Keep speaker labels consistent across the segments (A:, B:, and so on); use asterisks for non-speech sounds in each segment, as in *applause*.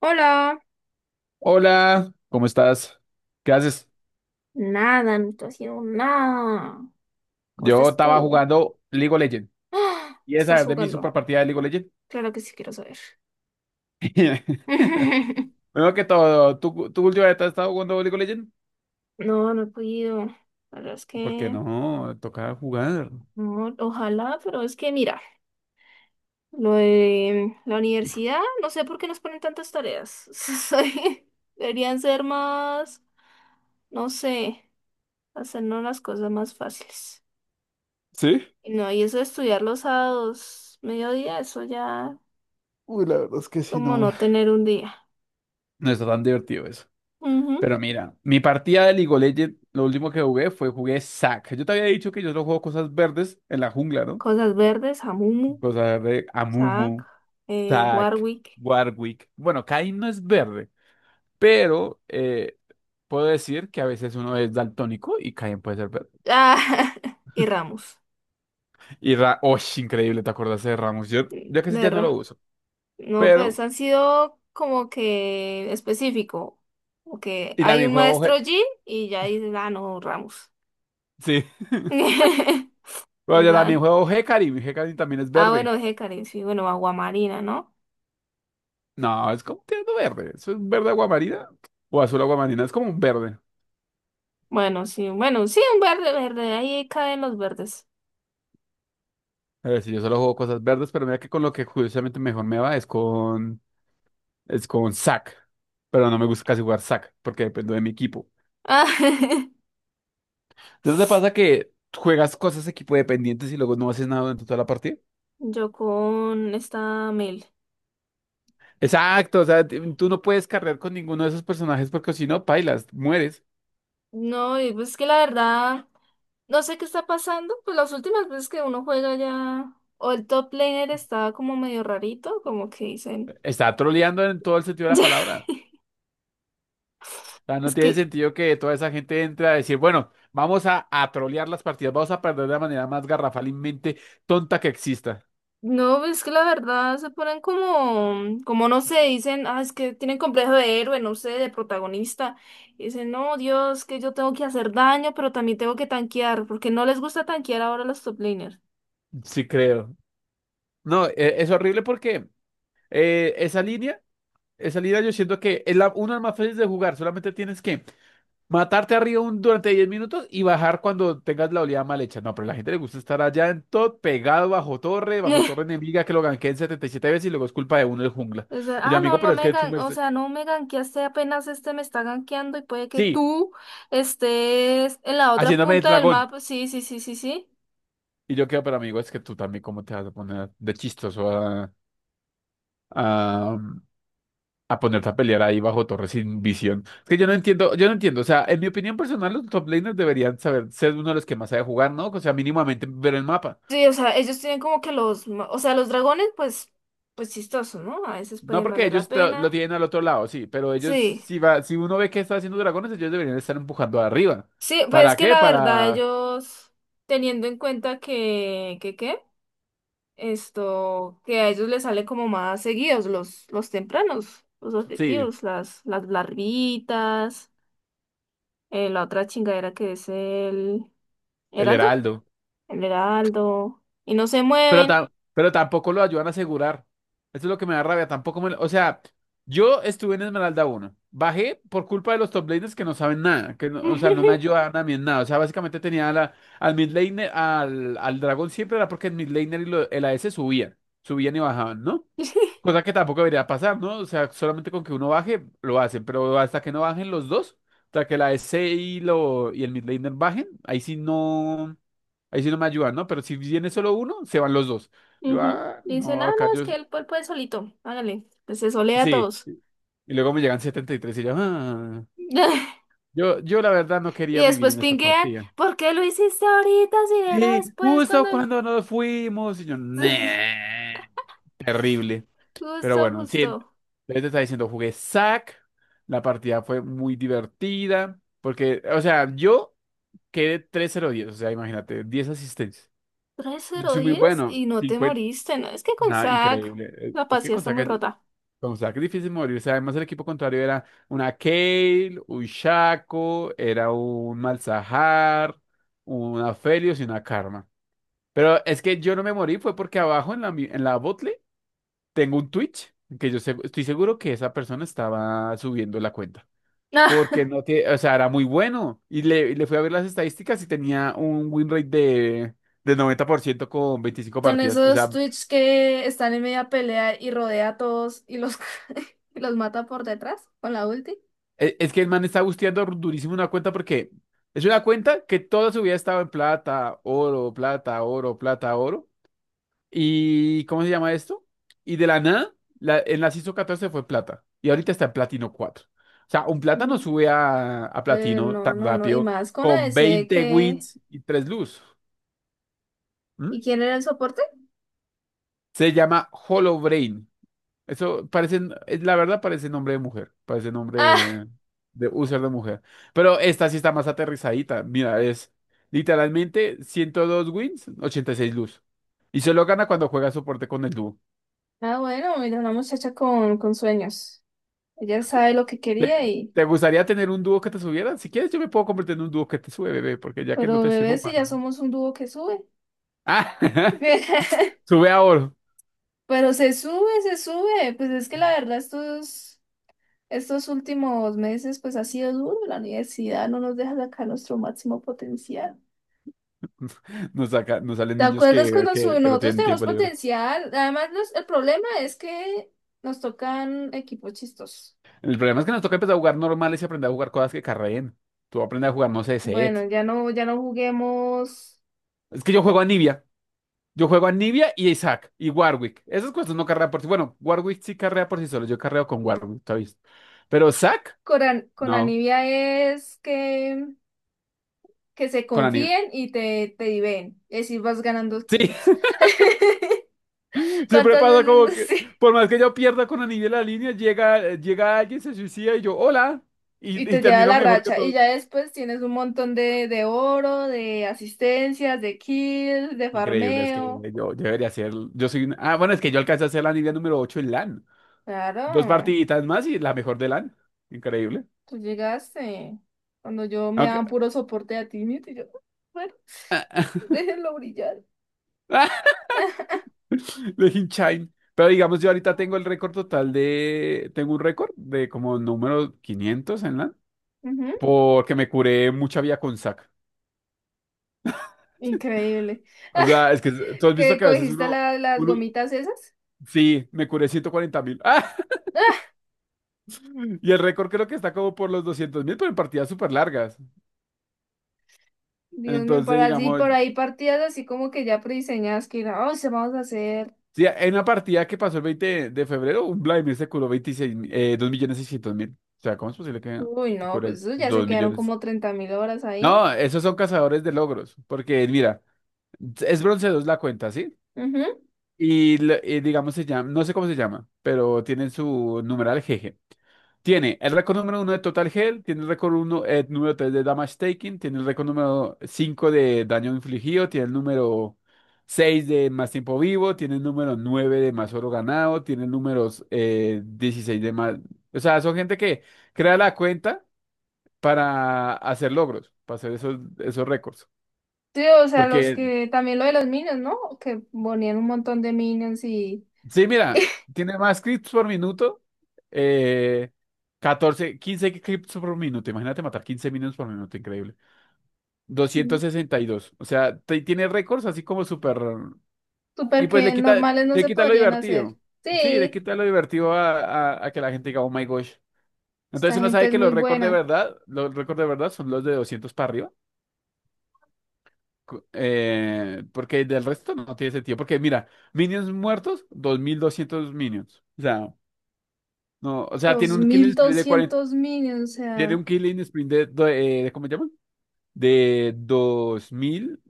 A: Hola,
B: Hola, ¿cómo estás? ¿Qué haces?
A: nada, no estoy haciendo nada. ¿Cómo
B: Yo
A: estás
B: estaba
A: tú?
B: jugando League of Legends.
A: ¡Ah!
B: ¿Y esa
A: ¿Estás
B: es de mi
A: jugando?
B: super partida de League of Legends?
A: Claro que sí quiero saber.
B: *laughs*
A: *laughs*
B: Primero que todo, ¿tú últimamente has estado jugando League of Legends?
A: No, no he podido. La verdad es
B: Porque
A: que
B: no, toca jugar.
A: no, ojalá, pero es que mira, lo de la universidad, no sé por qué nos ponen tantas tareas. *laughs* Deberían ser más, no sé, hacernos las cosas más fáciles.
B: ¿Sí?
A: Y no, y eso de estudiar los sábados, mediodía, eso ya
B: Uy, la verdad es que sí,
A: como
B: no.
A: no tener un día.
B: No está tan divertido eso.
A: Ujú.
B: Pero mira, mi partida de League of Legends, lo último que jugué Zac. Yo te había dicho que yo solo juego cosas verdes en la jungla, ¿no?
A: Cosas Verdes, Hamumu,
B: Cosas de
A: Zack,
B: Amumu, Zac,
A: Warwick,
B: Warwick. Bueno, Kayn no es verde. Pero puedo decir que a veces uno es daltónico y Caen puede ser verde.
A: ah, *laughs* y Ramos.
B: ¡Oh, increíble! ¿Te acordaste de Ramos? Yo,
A: De
B: yo casi ya no lo
A: verdad.
B: uso.
A: No, pues
B: Pero,
A: han sido como que específico. Como que
B: y
A: hay
B: también
A: un
B: juego
A: maestro
B: G.
A: Jin y ya dices, ah, no, Ramos.
B: Sí. *laughs*
A: *laughs*
B: Bueno,
A: En
B: yo también
A: plan.
B: juego Hecarim. Y Hecarim también es
A: Ah, bueno,
B: verde.
A: Hecarim, sí, bueno, Aguamarina, ¿no?
B: No, es como un tierno verde. Es un verde aguamarina o azul aguamarina. Es como un verde.
A: Bueno, sí, bueno, sí, un verde, verde, ahí caen los verdes.
B: A ver, si yo solo juego cosas verdes, pero mira que con lo que curiosamente mejor me va es con Zac. Pero no me gusta casi jugar Zac porque dependo de mi equipo.
A: Ah,
B: Entonces te pasa que juegas cosas equipo dependientes y luego no haces nada durante toda la partida.
A: *laughs* yo con esta Mel.
B: Exacto, o sea, tú no puedes cargar con ninguno de esos personajes porque si no, pailas, mueres.
A: No, y pues que la verdad. No sé qué está pasando, pues las últimas veces que uno juega ya, o el top laner estaba como medio rarito, como que dicen.
B: Está troleando en todo el sentido de la
A: *laughs*
B: palabra. O sea, no
A: Es
B: tiene
A: que,
B: sentido que toda esa gente entre a decir, bueno, vamos a trolear las partidas, vamos a perder de la manera más garrafalmente tonta que exista.
A: no, es que la verdad se ponen como no sé, dicen, ah, es que tienen complejo de héroe, no sé, de protagonista. Y dicen, no, Dios, que yo tengo que hacer daño, pero también tengo que tanquear, porque no les gusta tanquear ahora a los top laners.
B: Sí, creo. No, es horrible porque eh, esa línea, esa línea yo siento que es la, una de las más fáciles de jugar, solamente tienes que matarte arriba durante 10 minutos y bajar cuando tengas la oleada mal hecha. No, pero a la gente le gusta estar allá en todo, pegado bajo
A: *laughs*
B: torre enemiga, que lo ganqueen 77 veces y luego es culpa de uno el jungla.
A: O sea,
B: Y yo,
A: ah, no,
B: amigo, pero es que su
A: o sea, no me ganqueaste apenas este me está ganqueando y puede que
B: sí,
A: tú estés en la otra
B: haciéndome el
A: punta del
B: dragón.
A: mapa. Sí, sí, sí, sí, sí.
B: Y yo quedo, pero amigo, es que tú también, ¿cómo te vas a poner de chistoso a, a, a ponerte a pelear ahí bajo torre sin visión? Es que yo no entiendo, yo no entiendo. O sea, en mi opinión personal, los top laners deberían saber ser uno de los que más sabe jugar, ¿no? O sea, mínimamente ver el mapa.
A: Sí, o sea, ellos tienen como que o sea, los dragones, pues chistosos, ¿no? A veces
B: No,
A: pueden
B: porque
A: valer la
B: ellos lo
A: pena.
B: tienen al otro lado, sí, pero ellos,
A: Sí,
B: si va, si uno ve que está haciendo dragones, ellos deberían estar empujando arriba.
A: sí, pues es
B: ¿Para
A: que
B: qué?
A: la verdad
B: Para,
A: ellos, teniendo en cuenta que, ¿qué? Esto, que a ellos les sale como más seguidos los tempranos, los
B: sí,
A: objetivos, las larvitas. La otra chingadera que es
B: el
A: Heraldo,
B: heraldo.
A: el Heraldo, y no se
B: Pero,
A: mueven.
B: pero tampoco lo ayudan a asegurar. Esto es lo que me da rabia. Tampoco me... O sea, yo estuve en Esmeralda uno, bajé por culpa de los top laners que no saben nada. Que no- O sea, no me
A: *laughs*
B: ayudaban a mí en nada. O sea, básicamente tenía a la, al mid laner, al dragón siempre era porque el mid laner y el a AS subían. Subían y bajaban, ¿no? Cosa que tampoco debería pasar, ¿no? O sea, solamente con que uno baje, lo hacen. Pero hasta que no bajen los dos, hasta que el a AS y, y el mid laner bajen, ahí sí no. Ahí sí no me ayudan, ¿no? Pero si viene solo uno, se van los dos. Yo,
A: Ujú.
B: ah,
A: Y dicen, ah,
B: no, acá
A: no, es
B: yo,
A: que él puede solito, hágale, pues se solea a
B: sí.
A: todos.
B: Y luego me llegan 73 y yo, ah.
A: *laughs*
B: Yo la verdad no
A: Y
B: quería vivir
A: después
B: en esta
A: pinguean,
B: partida.
A: ¿por qué lo hiciste ahorita si era
B: Sí,
A: después cuando...
B: justo
A: *laughs*
B: cuando nos fuimos. Y yo,
A: Sí,
B: "Nah". Terrible. Pero
A: justo,
B: bueno, sí.
A: justo.
B: Entonces te está diciendo, jugué SAC. La partida fue muy divertida. Porque, o sea, yo quedé tres cero diez. O sea, imagínate, 10 asistencias.
A: tres
B: Yo
A: cero
B: soy muy
A: diez
B: bueno.
A: y no te
B: 50.
A: moriste, ¿no? Es que con
B: Nada,
A: Zack
B: increíble.
A: la
B: Es que
A: paciencia
B: con
A: está muy
B: SAC,
A: rota.
B: con saques difícil morirse. Además, el equipo contrario era una Kale, un Shaco, era un Malzahar, una Felios y una Karma. Pero es que yo no me morí, fue porque abajo en la, en la botlane tengo un Twitch que yo estoy seguro que esa persona estaba subiendo la cuenta. Porque
A: *laughs*
B: no tiene, o sea, era muy bueno. Y le fui a ver las estadísticas y tenía un win rate de, 90% con 25
A: Son
B: partidas. O
A: esos
B: sea,
A: Twitch que están en media pelea y rodea a todos y los, *laughs* y los mata por detrás con la ulti.
B: es que el man está busteando durísimo una cuenta porque es una cuenta que toda su vida ha estado en plata, oro, plata, oro, plata, oro. ¿Y cómo se llama esto? Y de la nada, en la CISO 14 fue plata. Y ahorita está en platino 4. O sea, un plata no
A: Mm.
B: sube a, platino
A: No,
B: tan
A: no, no. Y
B: rápido
A: más con A
B: con
A: ADC
B: 20
A: que...
B: wins y 3 luz. ¿Mm?
A: ¿Y quién era el soporte?
B: Se llama Hollow. Eso parece, la verdad parece nombre de mujer, parece nombre
A: Ah,
B: de, user de mujer. Pero esta sí está más aterrizadita. Mira, es literalmente 102 wins, 86 luz. Y solo gana cuando juega soporte con el dúo.
A: ah, bueno, mira, una muchacha con sueños. Ella sabe lo que quería
B: ¿Te,
A: y...
B: te gustaría tener un dúo que te subiera? Si quieres, yo me puedo convertir en un dúo que te sube, bebé, porque ya que no
A: Pero
B: te
A: bebé,
B: sirvo
A: si
B: para
A: ya
B: nada.
A: somos un dúo que sube.
B: Ah, *laughs*
A: *laughs*
B: sube a oro.
A: Pero se sube, se sube. Pues es que la verdad estos últimos meses pues ha sido duro. La universidad no nos deja sacar nuestro máximo potencial.
B: Nos saca, nos salen
A: ¿Te
B: niños
A: acuerdas
B: que,
A: cuando
B: que, que no
A: nosotros
B: tienen
A: tenemos
B: tiempo libre.
A: potencial? Además, el problema es que nos tocan equipos chistosos.
B: El problema es que nos toca empezar a jugar normales y aprender a jugar cosas que carreen. Tú aprendes a jugar, no sé,
A: Bueno,
B: set.
A: ya no, ya no juguemos.
B: Es que yo juego a Nibia. Yo juego a Nibia y a Isaac y Warwick. Esas cosas no carrean por sí. Bueno, Warwick sí carrea por sí solo. Yo carreo con Warwick, ¿está visto? Pero Zack,
A: Con
B: no,
A: Anivia es que se
B: con Anivia.
A: confíen y te diven. Es decir, vas ganando
B: Sí,
A: kills. *laughs*
B: *laughs* siempre
A: ¿Cuántas
B: pasa como
A: veces?
B: que,
A: Sí.
B: por más que yo pierda con Anivia la línea, llega alguien, se suicida y yo, hola,
A: Y
B: y
A: te lleva
B: termino
A: la
B: mejor que
A: racha. Y
B: todo.
A: ya después tienes un montón de oro, de asistencias, de kills, de
B: Increíble, es que
A: farmeo.
B: yo debería ser, yo soy, ah, bueno, es que yo alcancé a ser la Anivia número 8 en LAN. Dos
A: Claro.
B: partiditas más y la mejor de LAN. Increíble.
A: Tú llegaste. Cuando yo me
B: Aunque,
A: daba puro soporte a ti, y yo, bueno,
B: *laughs*
A: *laughs* déjenlo brillar.
B: *laughs* de Inchine. Pero digamos, yo ahorita tengo el récord total de... Tengo un récord de como número 500 en LAN.
A: Ujú,
B: Porque me curé mucha vía con sac.
A: increíble.
B: O sea, es que tú
A: *laughs*
B: has visto
A: ¿Que
B: que a veces
A: cogiste
B: uno...
A: las
B: uno
A: gomitas esas?
B: sí, me curé 140.000. *laughs*
A: *laughs*
B: Y el récord creo que está como por los 200.000, pero en partidas súper largas.
A: Dios mío,
B: Entonces, digamos...
A: por ahí partidas así como que ya prediseñadas que era, oh, se vamos a hacer.
B: Sí, en una partida que pasó el 20 de febrero, un Vladimir se curó 26 2 millones 600.000. O sea, ¿cómo es posible que
A: Uy,
B: te
A: no,
B: cures
A: pues eso ya se
B: dos
A: quedaron
B: millones
A: como 30.000 horas ahí.
B: No, esos son cazadores de logros, porque mira, es bronce 2 la cuenta, ¿sí?
A: Ujú.
B: Y, y digamos se llama, no sé cómo se llama, pero tienen su numeral GG. Tiene el récord número uno de Total Hell, tiene el récord uno, número 3 de Damage Taking, tiene el récord número 5 de Daño Infligido, tiene el número 6 de Más Tiempo Vivo, tiene el número 9 de Más Oro Ganado, tiene el número 16 de más... O sea, son gente que crea la cuenta para hacer logros, para hacer esos récords.
A: Sí, o sea, los
B: Porque,
A: que también lo de los minions, ¿no? Que ponían un montón de minions y
B: sí, mira, tiene más clips por minuto. Eh, 14, 15 clips por minuto. Imagínate matar 15 minutos por minuto, increíble.
A: mm,
B: 262. O sea, tiene récords así como súper. Y
A: super
B: pues
A: que normales no
B: le
A: se
B: quita lo
A: podrían hacer.
B: divertido. Sí, le
A: Sí.
B: quita lo divertido a, a que la gente diga, oh my gosh. Entonces
A: Esta
B: uno
A: gente
B: sabe
A: es
B: que
A: muy
B: los récords de
A: buena.
B: verdad, los récords de verdad son los de 200 para arriba. Porque del resto no tiene sentido. Porque mira, minions muertos, 2.200 minions. O sea, no, o sea, tiene
A: dos
B: un killing
A: mil
B: sprint de 40,
A: doscientos minions, o
B: tiene
A: sea,
B: un killing sprint de, ¿cómo se llama? De 2000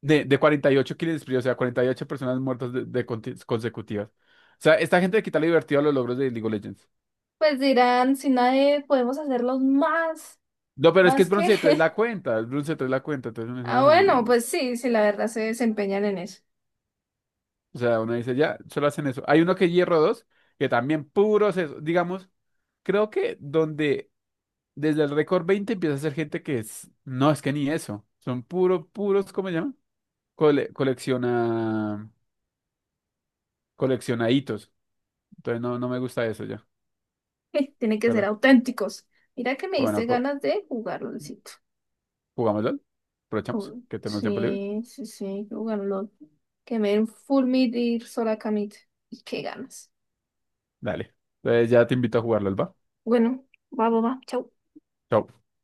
B: de 48 killing sprint, o sea, 48 personas muertas de, consecutivas. O sea, esta gente le quita lo divertido a los logros de League of Legends.
A: pues dirán, si nadie podemos hacerlos más,
B: No, pero es que es
A: más que.
B: bronce 3 la
A: *laughs*
B: cuenta, es bronce 3 la cuenta, entonces uno dice,
A: Ah,
B: "Ajá".
A: bueno, pues sí, sí, la verdad se desempeñan en eso.
B: O sea, uno dice, ya, solo hacen eso. Hay uno que es hierro 2 que también puros eso, digamos, creo que donde desde el récord 20 empieza a ser gente que es, no, es que ni eso, son puro, puros, ¿cómo se llama? Colecciona, colecciona hitos. Entonces no, no me gusta eso ya.
A: *laughs* Tienen que ser
B: Pero,
A: auténticos. Mira que me
B: pero
A: diste
B: bueno,
A: ganas de jugar LOLcito.
B: jugamos LOL. Aprovechamos
A: Oh,
B: que tenemos tiempo libre.
A: sí, sí, sí, jugar LOL. Que me den full mid y ir sola a camita. Y qué ganas.
B: Dale. Entonces ya te invito a jugar LOL, ¿va?
A: Bueno, va, va, va, chau.
B: Chao.